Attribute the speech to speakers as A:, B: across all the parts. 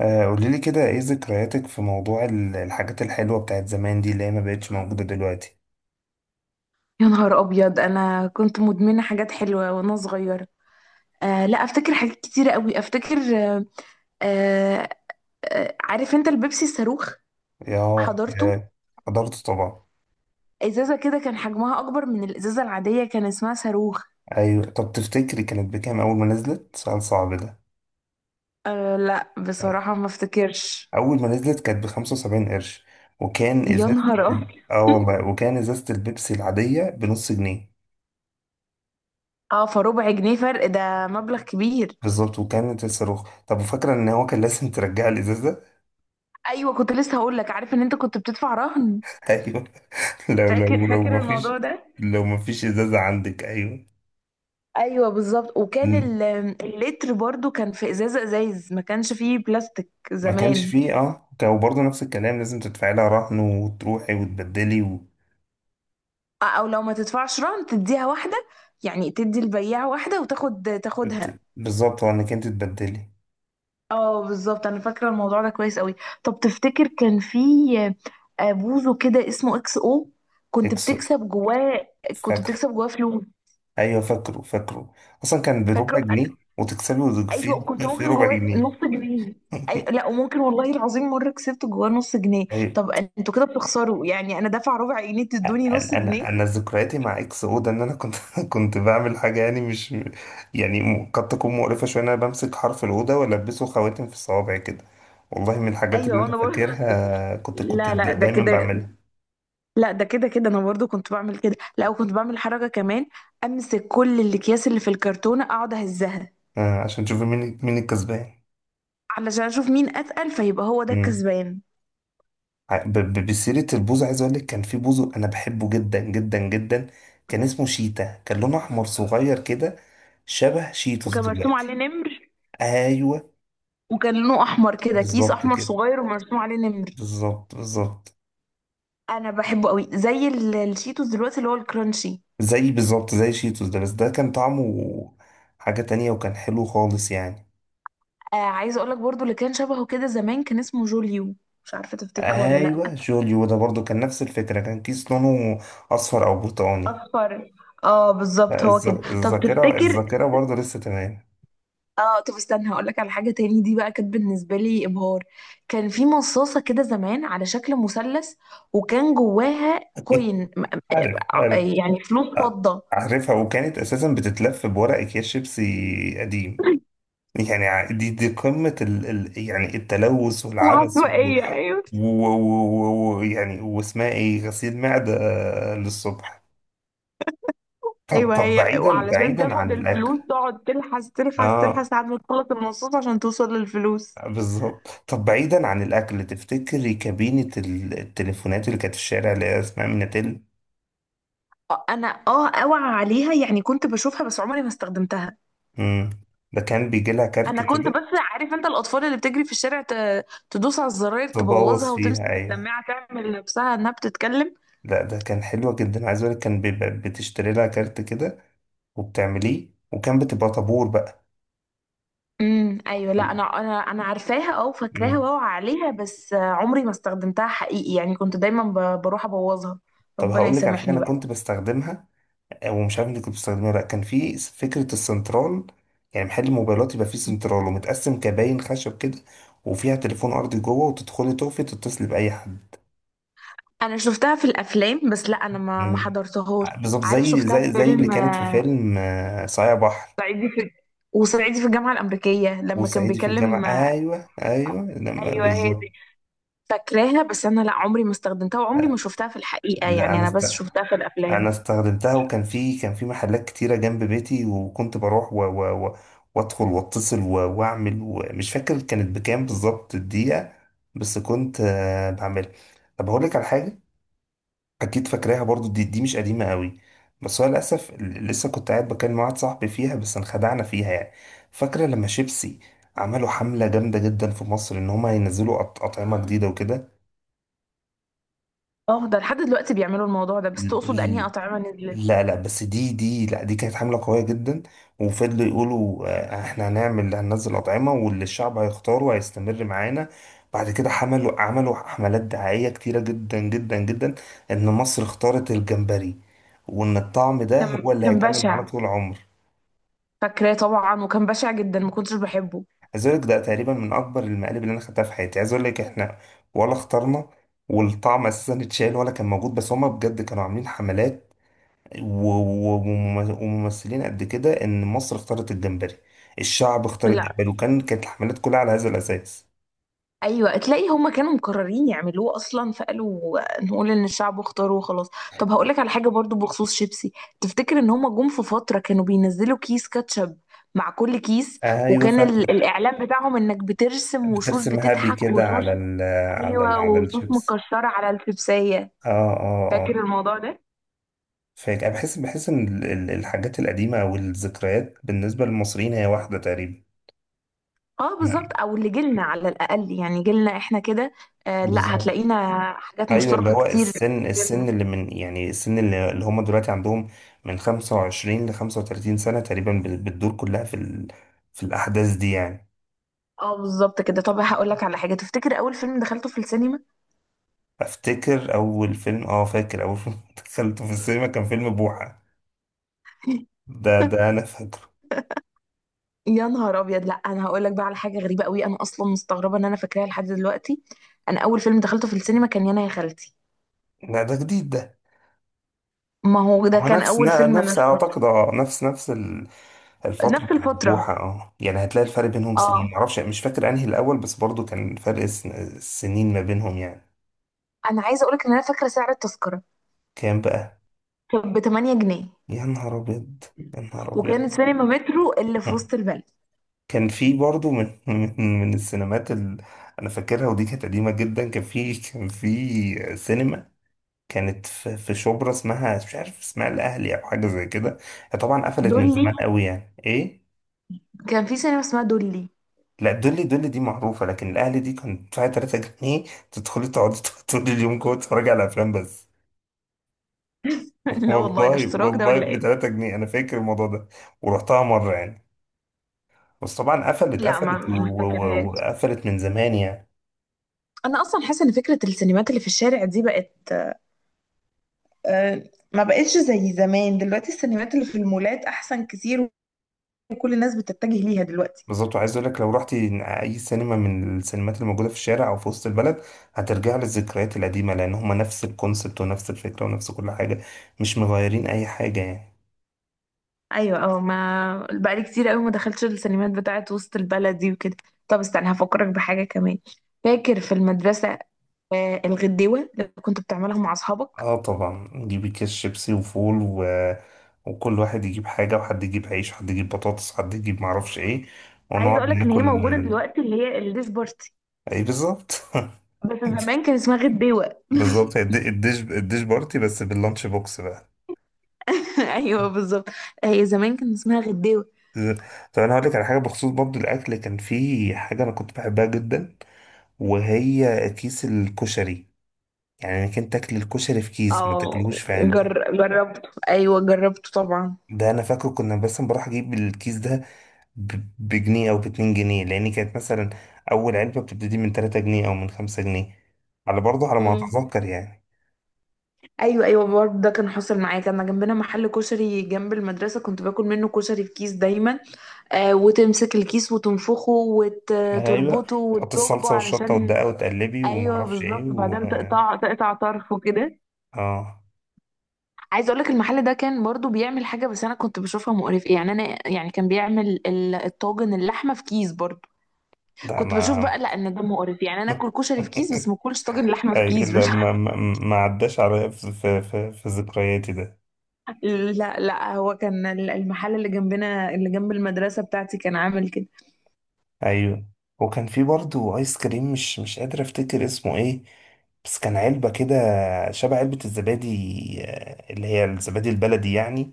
A: قولي لي كده ايه ذكرياتك في موضوع الحاجات الحلوة بتاعت زمان دي اللي هي ما بقتش موجودة دلوقتي.
B: يا نهار ابيض! انا كنت مدمنه حاجات حلوه وانا صغيره. آه، لا، افتكر حاجات كتيره قوي، افتكر. آه. آه. عارف انت البيبسي الصاروخ؟
A: ياه
B: حضرته.
A: ياه، حضرت طبعا.
B: ازازه كده كان حجمها اكبر من الازازه العاديه، كان اسمها صاروخ.
A: ايوه، طب تفتكري كانت بكام اول ما نزلت؟ سؤال صعب ده.
B: آه، لا،
A: طيب.
B: بصراحه ما افتكرش.
A: اول ما نزلت كانت ب75 قرش، وكان
B: يا
A: ازازة
B: نهار ابيض!
A: والله، وكان ازازة البيبسي العادية بنص جنيه.
B: اه، فربع جنيه فرق، ده مبلغ كبير.
A: بالظبط، وكانت الصاروخ. طب وفاكرة ان هو كان لازم ترجع الازازة؟
B: ايوه، كنت لسه هقول لك، عارف ان انت كنت بتدفع رهن.
A: ايوه. لو
B: فاكر،
A: لو لو
B: فاكر
A: ما فيش،
B: الموضوع ده.
A: لو ما فيش ازازة عندك. ايوه،
B: ايوه بالظبط، وكان اللتر برضو كان في ازازه، ازايز ما كانش فيه بلاستيك
A: ما كانش
B: زمان.
A: فيه. اه، كان برضه نفس الكلام، لازم تدفعي لها رهن وتروحي وتبدلي و...
B: او لو ما تدفعش رهن تديها واحده، يعني تدي البياع واحده وتاخد تاخدها.
A: بالظبط، هو انك انت تبدلي.
B: اه بالظبط، انا فاكره الموضوع ده كويس قوي. طب تفتكر كان في؟ بوزو كده اسمه اكس او، كنت
A: اكس،
B: بتكسب جواه. كنت
A: فاكره.
B: بتكسب جواه فلوس.
A: ايوه، فاكره. اصلا كان بربع
B: فاكره.
A: جنيه وتكسبي، وفي
B: ايوه كنت
A: في
B: ممكن
A: ربع
B: جواه
A: جنيه.
B: نص جنيه. اي، لا، وممكن والله العظيم مره كسبت جواه نص جنيه.
A: ايوه.
B: طب انتوا كده بتخسروا يعني، انا دافعه ربع جنيه تدوني نص
A: انا انا
B: جنيه.
A: انا ذكرياتي مع اكس او ده، ان انا كنت كنت بعمل حاجه، يعني مش يعني قد تكون مقرفه شويه، ان انا بمسك حرف الاوضه والبسه خواتم في الصوابع كده. والله من الحاجات اللي
B: ايوه،
A: انا
B: انا برضه.
A: فاكرها، كنت
B: لا، لا، ده
A: دايما
B: كده.
A: بعملها.
B: لا، ده كده كده، انا برضه كنت بعمل كده. لا، وكنت بعمل حركه كمان، امسك كل الاكياس اللي في الكرتونه اقعد اهزها
A: عشان تشوف مين مين الكسبان.
B: علشان اشوف مين اتقل فيبقى هو ده
A: مم.
B: الكسبان.
A: بسيرة البوز، عايز اقول لك كان في بوز انا بحبه جدا جدا جدا. كان اسمه شيتا، كان لونه احمر صغير كده، شبه شيتوس
B: وكان مرسوم عليه
A: دلوقتي.
B: نمر.
A: ايوه
B: وكان لونه احمر كده، كيس
A: بالظبط
B: احمر
A: كده.
B: صغير ومرسوم عليه نمر.
A: بالظبط بالظبط.
B: انا بحبه قوي زي الشيتوس دلوقتي اللي هو الكرانشي.
A: زي بالظبط زي شيتوس ده، بس ده كان طعمه حاجة تانية، وكان حلو خالص يعني.
B: عايزه اقول لك برضو اللي كان شبهه كده زمان كان اسمه جوليو. مش عارفه تفتكره ولا
A: ايوه
B: لا.
A: جوليو ده برضو كان نفس الفكرة، كان كيس لونه اصفر او برتقاني.
B: اصفر. اه بالظبط،
A: لا،
B: هو كده. طب
A: الذاكرة
B: تفتكر؟
A: الذاكرة برضو لسه تمام.
B: اه، طب استنى هقول لك على حاجه تاني، دي بقى كانت بالنسبه لي ابهار. كان في مصاصه كده زمان على شكل مثلث وكان جواها كوين
A: عارف عارف.
B: يعني فلوس فضه.
A: عارفها، وكانت اساسا بتتلف بورق اكياس شيبسي قديم. يعني دي قمة ال يعني التلوث والعبث
B: العشوائية، ايوه.
A: يعني واسمها ايه، غسيل معدة. للصبح. طب
B: ايوه
A: طب
B: هي،
A: بعيدا
B: وعلشان
A: بعيدا
B: تاخد
A: عن الاكل.
B: الفلوس تقعد تلحس تلحس
A: اه
B: تلحس لحد ما تخلص المصاص عشان توصل للفلوس.
A: بالظبط. طب بعيدا عن الاكل، تفتكري كابينة التليفونات اللي كانت في الشارع، اللي هي اسمها ميناتيل؟
B: اه، انا، اوعى عليها، يعني كنت بشوفها بس عمري ما استخدمتها.
A: امم، ده كان بيجي لها كارت
B: انا كنت
A: كده.
B: بس، عارف انت الاطفال اللي بتجري في الشارع تدوس على الزراير تبوظها
A: تبوظ
B: وتمسك
A: فيها، ايوه.
B: السماعه تعمل نفسها انها بتتكلم.
A: لا، ده كان حلوة جدا، عايز اقولك كان بيبقى بتشتري لها كارت كده وبتعمليه، وكان بتبقى طابور بقى
B: امم، ايوه،
A: و...
B: لا، انا عارفاها، اه، وفاكراها
A: مم.
B: واوعى عليها بس عمري ما استخدمتها حقيقي، يعني كنت دايما بروح ابوظها.
A: طب
B: ربنا
A: هقول لك على حاجة
B: يسامحني
A: انا
B: بقى.
A: كنت بستخدمها. ومش عارف انت كنت بتستخدمها ولا لا. كان في فكرة السنترال، يعني محل الموبايلات يبقى فيه سنترال ومتقسم كباين خشب كده، وفيها تليفون ارضي جوه، وتدخلي تقفي تتصلي بأي حد.
B: انا شفتها في الافلام بس، لا انا ما
A: مم.
B: حضرتهاش.
A: بالظبط
B: عارف،
A: زي
B: شفتها في
A: زي زي اللي
B: فيلم
A: كانت في
B: آه،
A: فيلم صايع بحر.
B: صعيدي في... وصعيدي في الجامعه الامريكيه لما كان
A: وصعيدي في الجامعة،
B: بيكلم.
A: ايوه ايوه لما
B: ايوه، هي
A: بالظبط.
B: دي. فاكراها، بس انا لا، عمري ما استخدمتها وعمري
A: آه،
B: ما شفتها في الحقيقه،
A: لا
B: يعني
A: انا
B: انا
A: است...
B: بس شفتها في
A: انا
B: الافلام.
A: استخدمتها، وكان في كان في محلات كتيره جنب بيتي، وكنت بروح و وادخل واتصل واعمل، ومش فاكر كانت بكام بالظبط الدقيقه، بس كنت بعملها. طب هقول لك على حاجه، اكيد فاكراها برضو، دي مش قديمه قوي. بس هو للاسف لسه كنت قاعد بكلم واحد صاحبي فيها، بس انخدعنا فيها يعني. فاكره لما شيبسي عملوا حمله جامده جدا في مصر، ان هم ينزلوا اطعمه جديده وكده.
B: اه، ده لحد دلوقتي بيعملوا الموضوع ده، بس تقصد انهي اطعمه نزلت؟
A: لا لا، بس دي دي لا دي كانت حملة قوية جدا. وفضلوا يقولوا، احنا هنعمل هننزل أطعمة، واللي الشعب هيختاره هيستمر معانا. بعد كده عملوا حملات دعائية كتيرة جدا جدا جدا، إن مصر اختارت الجمبري، وإن الطعم ده هو
B: كان
A: اللي
B: كان
A: هيكمل معانا
B: بشع.
A: طول العمر.
B: فاكراه طبعا وكان بشع جدا، ما كنتش بحبه.
A: عايز أقول لك ده تقريبا من أكبر المقالب اللي أنا خدتها في حياتي. عايز أقول لك احنا ولا اخترنا، والطعم أساسا اتشال ولا كان موجود، بس هما بجد كانوا عاملين حملات و- و- ومم- وممثلين قد كده ان مصر اختارت الجمبري. الشعب اختار
B: لا.
A: الجمبري، وكان كانت الحملات كلها على هذا الاساس.
B: ايوه، تلاقي هما كانوا مقررين يعملوه اصلا فقالوا نقول ان الشعب اختاره وخلاص. طب هقولك على حاجه برضو بخصوص شيبسي، تفتكر ان هما جم في فتره كانوا بينزلوا كيس كاتشب مع كل كيس؟
A: ايوه
B: وكان
A: فاكره.
B: الاعلان بتاعهم انك بترسم وشوش
A: بترسم هابي
B: بتضحك
A: كده
B: وشوش.
A: على ال، على ال،
B: ايوه،
A: على
B: وشوش
A: الشيبس.
B: مكشره على الشيبسيه.
A: اه اه اه.
B: فاكر الموضوع ده؟
A: فاكر. أنا بحس ان الحاجات القديمه والذكريات بالنسبه للمصريين هي واحده تقريبا.
B: اه بالظبط،
A: نعم،
B: او اللي جيلنا على الاقل، يعني جيلنا احنا كده. آه، لا،
A: بالظبط.
B: هتلاقينا حاجات
A: ايوه اللي
B: مشتركه
A: هو
B: كتير.
A: السن اللي من، يعني السن اللي, اللي هم دلوقتي عندهم من 25 ل 35 سنه تقريبا، بتدور كلها في ال... في الاحداث دي يعني.
B: اه، بالظبط كده. طب هقول لك على حاجه، تفتكر اول فيلم دخلته في السينما؟
A: افتكر اول فيلم، اه فاكر اول فيلم دخلته في السينما، كان فيلم بوحه. ده ده انا فاكره.
B: يا نهار ابيض! لا، انا هقول لك بقى على حاجه غريبه قوي، انا اصلا مستغربه ان انا فاكراها لحد دلوقتي. انا اول فيلم دخلته في السينما كان يانا يا خالتي.
A: لا ده جديد ده.
B: ما هو ده
A: هو
B: كان
A: نفس
B: اول فيلم انا
A: نفس
B: دخلته.
A: اعتقد، اه نفس نفس الفتره
B: نفس
A: بتاعت
B: الفتره.
A: بوحه. اه يعني هتلاقي الفرق بينهم سنين،
B: اه.
A: معرفش مش فاكر انهي الاول، بس برضو كان فرق السنين ما بينهم يعني.
B: انا عايزه اقول لك ان انا فاكره سعر التذكره.
A: كام بقى؟
B: كان ب 8 جنيه.
A: يا نهار أبيض. يا نهار أبيض.
B: وكانت سينما مترو اللي في وسط البلد.
A: كان في برضه من السينمات اللي أنا فاكرها، ودي كانت قديمة جدا. كان في كان في سينما كانت في في شبرا، اسمها مش عارف اسمها الأهلي أو حاجة زي كده. هي طبعا قفلت من
B: دولي،
A: زمان قوي يعني، إيه؟
B: كان في سينما اسمها دولي.
A: لا دولي، دولي دي معروفة. لكن الأهلي دي كانت تدفعي 3 جنيه، تدخلي تقعدي طول اليوم جوه تتفرجي على أفلام بس.
B: لا والله، ده
A: والله
B: اشتراك ده
A: والله
B: ولا
A: ب
B: ايه؟
A: 3 جنيه، أنا فاكر الموضوع ده، ورحتها مرة يعني. بس طبعا قفلت
B: لا، ما
A: قفلت
B: ما فاكرهاش.
A: وقفلت من زمان يعني.
B: انا اصلا حاسه ان فكره السينمات اللي في الشارع دي بقت آه، ما بقتش زي زمان. دلوقتي السينمات اللي في المولات احسن كتير، وكل الناس بتتجه ليها دلوقتي.
A: بالظبط. وعايز اقول لك، لو رحتي اي سينما من السينمات اللي موجوده في الشارع او في وسط البلد، هترجع للذكريات القديمه، لان هما نفس الكونسبت ونفس الفكره ونفس كل حاجه، مش مغيرين اي حاجه يعني.
B: ايوه، اه، ما بقالي كتير قوي ما دخلتش السينمات بتاعت وسط البلد دي وكده. طب استنى هفكرك بحاجه كمان، فاكر في المدرسه الغديوه اللي كنت بتعملها مع اصحابك؟
A: اه طبعا، نجيب كيس شيبسي وفول و... وكل واحد يجيب حاجه، وحد يجيب عيش وحد يجيب بطاطس وحد يجيب معرفش ايه،
B: عايزه
A: ونقعد
B: اقولك ان هي
A: ناكل.
B: موجوده دلوقتي، اللي هي الديش بارتي،
A: ايه بالظبط.
B: بس زمان كان اسمها غديوه.
A: بالظبط الديش بارتي بس باللانش بوكس بقى.
B: ايوه، بالظبط، هي زمان كان اسمها غديوه.
A: طب انا هقول لك على حاجه بخصوص برضو الاكل. كان في حاجه انا كنت بحبها جدا، وهي كيس الكشري. يعني انك انت تاكل الكشري في كيس ما
B: اه،
A: تاكلهوش في علبه.
B: جربته، ايوه جربته طبعا.
A: ده انا فاكر كنا، بس بروح اجيب الكيس ده بجنيه او باتنين جنيه، لان كانت مثلا اول علبه بتبتدي من 3 جنيه او من 5 جنيه على برضه على ما
B: مم.
A: اتذكر يعني.
B: ايوه، ايوه، برضه ده كان حاصل معايا، كان جنبنا محل كشري جنب المدرسه، كنت باكل منه كشري في كيس دايما. وتمسك الكيس وتنفخه
A: ايوه،
B: وتربطه
A: تحط
B: وتزجه
A: الصلصه والشطه
B: علشان...
A: والدقه وتقلبي وما
B: ايوه
A: اعرفش ايه
B: بالظبط،
A: و...
B: وبعدين تقطع تقطع طرفه كده.
A: اه
B: عايزه اقول لك المحل ده كان برضه بيعمل حاجه بس انا كنت بشوفها مقرفه، يعني انا، يعني كان بيعمل الطاجن اللحمه في كيس برضه.
A: لا
B: كنت بشوف
A: ما
B: بقى لا، ان ده مقرف، يعني انا اكل كشري في كيس بس ما اكلش طاجن لحمه في
A: اي
B: كيس، مش...
A: لا ما عداش عليا في ذكرياتي ده.
B: لا، لا، هو كان المحل اللي جنبنا، اللي جنب المدرسة بتاعتي، كان عامل كده.
A: ايوه. وكان في برضه ايس كريم، مش مش قادر افتكر اسمه ايه، بس كان علبة كده شبه علبة الزبادي، اللي هي الزبادي البلدي يعني.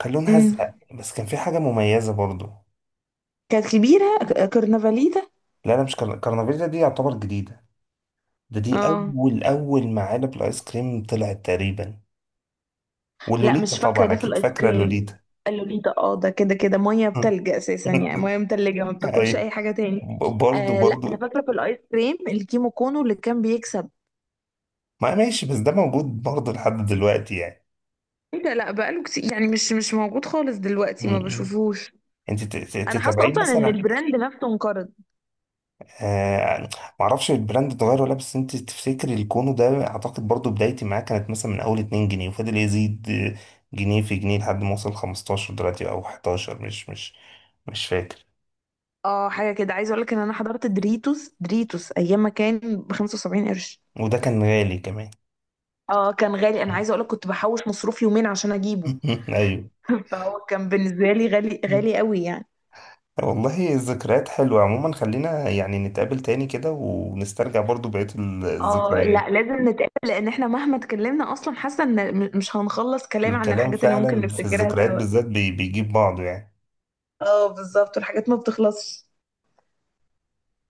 A: كان لونها
B: امم.
A: ازرق، بس كان في حاجة مميزة برضو.
B: كانت كبيرة، كرنفاليتا.
A: لا انا مش كرنفيلا دي يعتبر جديدة. ده دي
B: اه
A: اول، اول ما علب الايس كريم طلعت تقريبا.
B: لا،
A: واللوليتا
B: مش فاكرة
A: طبعا
B: ده في
A: اكيد
B: الايس
A: فاكرة
B: كريم.
A: اللوليتا.
B: اللوليتا، اه، ده كده كده مية بتلج اساسا، يعني مية متلجة ما بتاكلش
A: ايوه.
B: اي حاجة تاني.
A: برضو
B: آه، لا، انا
A: برضو.
B: فاكرة في الايس كريم الكيمو كونو اللي كان بيكسب.
A: ما ماشي، بس ده موجود برضه لحد دلوقتي يعني.
B: ايه ده، لا، بقاله كتير يعني، مش موجود خالص دلوقتي، ما
A: م- م.
B: بشوفوش.
A: انت
B: انا حاسة
A: تتابعين
B: اصلا ان
A: مثلا؟
B: البراند نفسه انقرض.
A: آه. معرفش البراند اتغير ولا، بس انت تفتكري الكونو ده اعتقد برضه بدايتي معاه كانت مثلا من اول 2 جنيه، وفضل يزيد جنيه في جنيه لحد ما وصل 15 دلوقتي او 11، مش فاكر.
B: اه، حاجة كده، عايزة اقولك ان انا حضرت دريتوس دريتوس ايام ما كان ب 75 قرش.
A: وده كان غالي كمان.
B: اه، كان غالي. انا
A: م-
B: عايزة اقولك كنت بحوش مصروف يومين عشان اجيبه.
A: ايوه.
B: فهو كان بالنسبة لي غالي
A: م.
B: غالي قوي يعني.
A: والله الذكريات حلوة عموما، خلينا يعني نتقابل تاني كده ونسترجع برضو بقية
B: اه لا،
A: الذكريات.
B: لازم نتقابل لان احنا مهما اتكلمنا اصلا حاسة ان مش هنخلص كلام عن
A: الكلام
B: الحاجات اللي ممكن
A: فعلا في
B: نفتكرها
A: الذكريات
B: سوا.
A: بالذات بيجيب بعضه يعني.
B: اه بالظبط، والحاجات ما بتخلصش.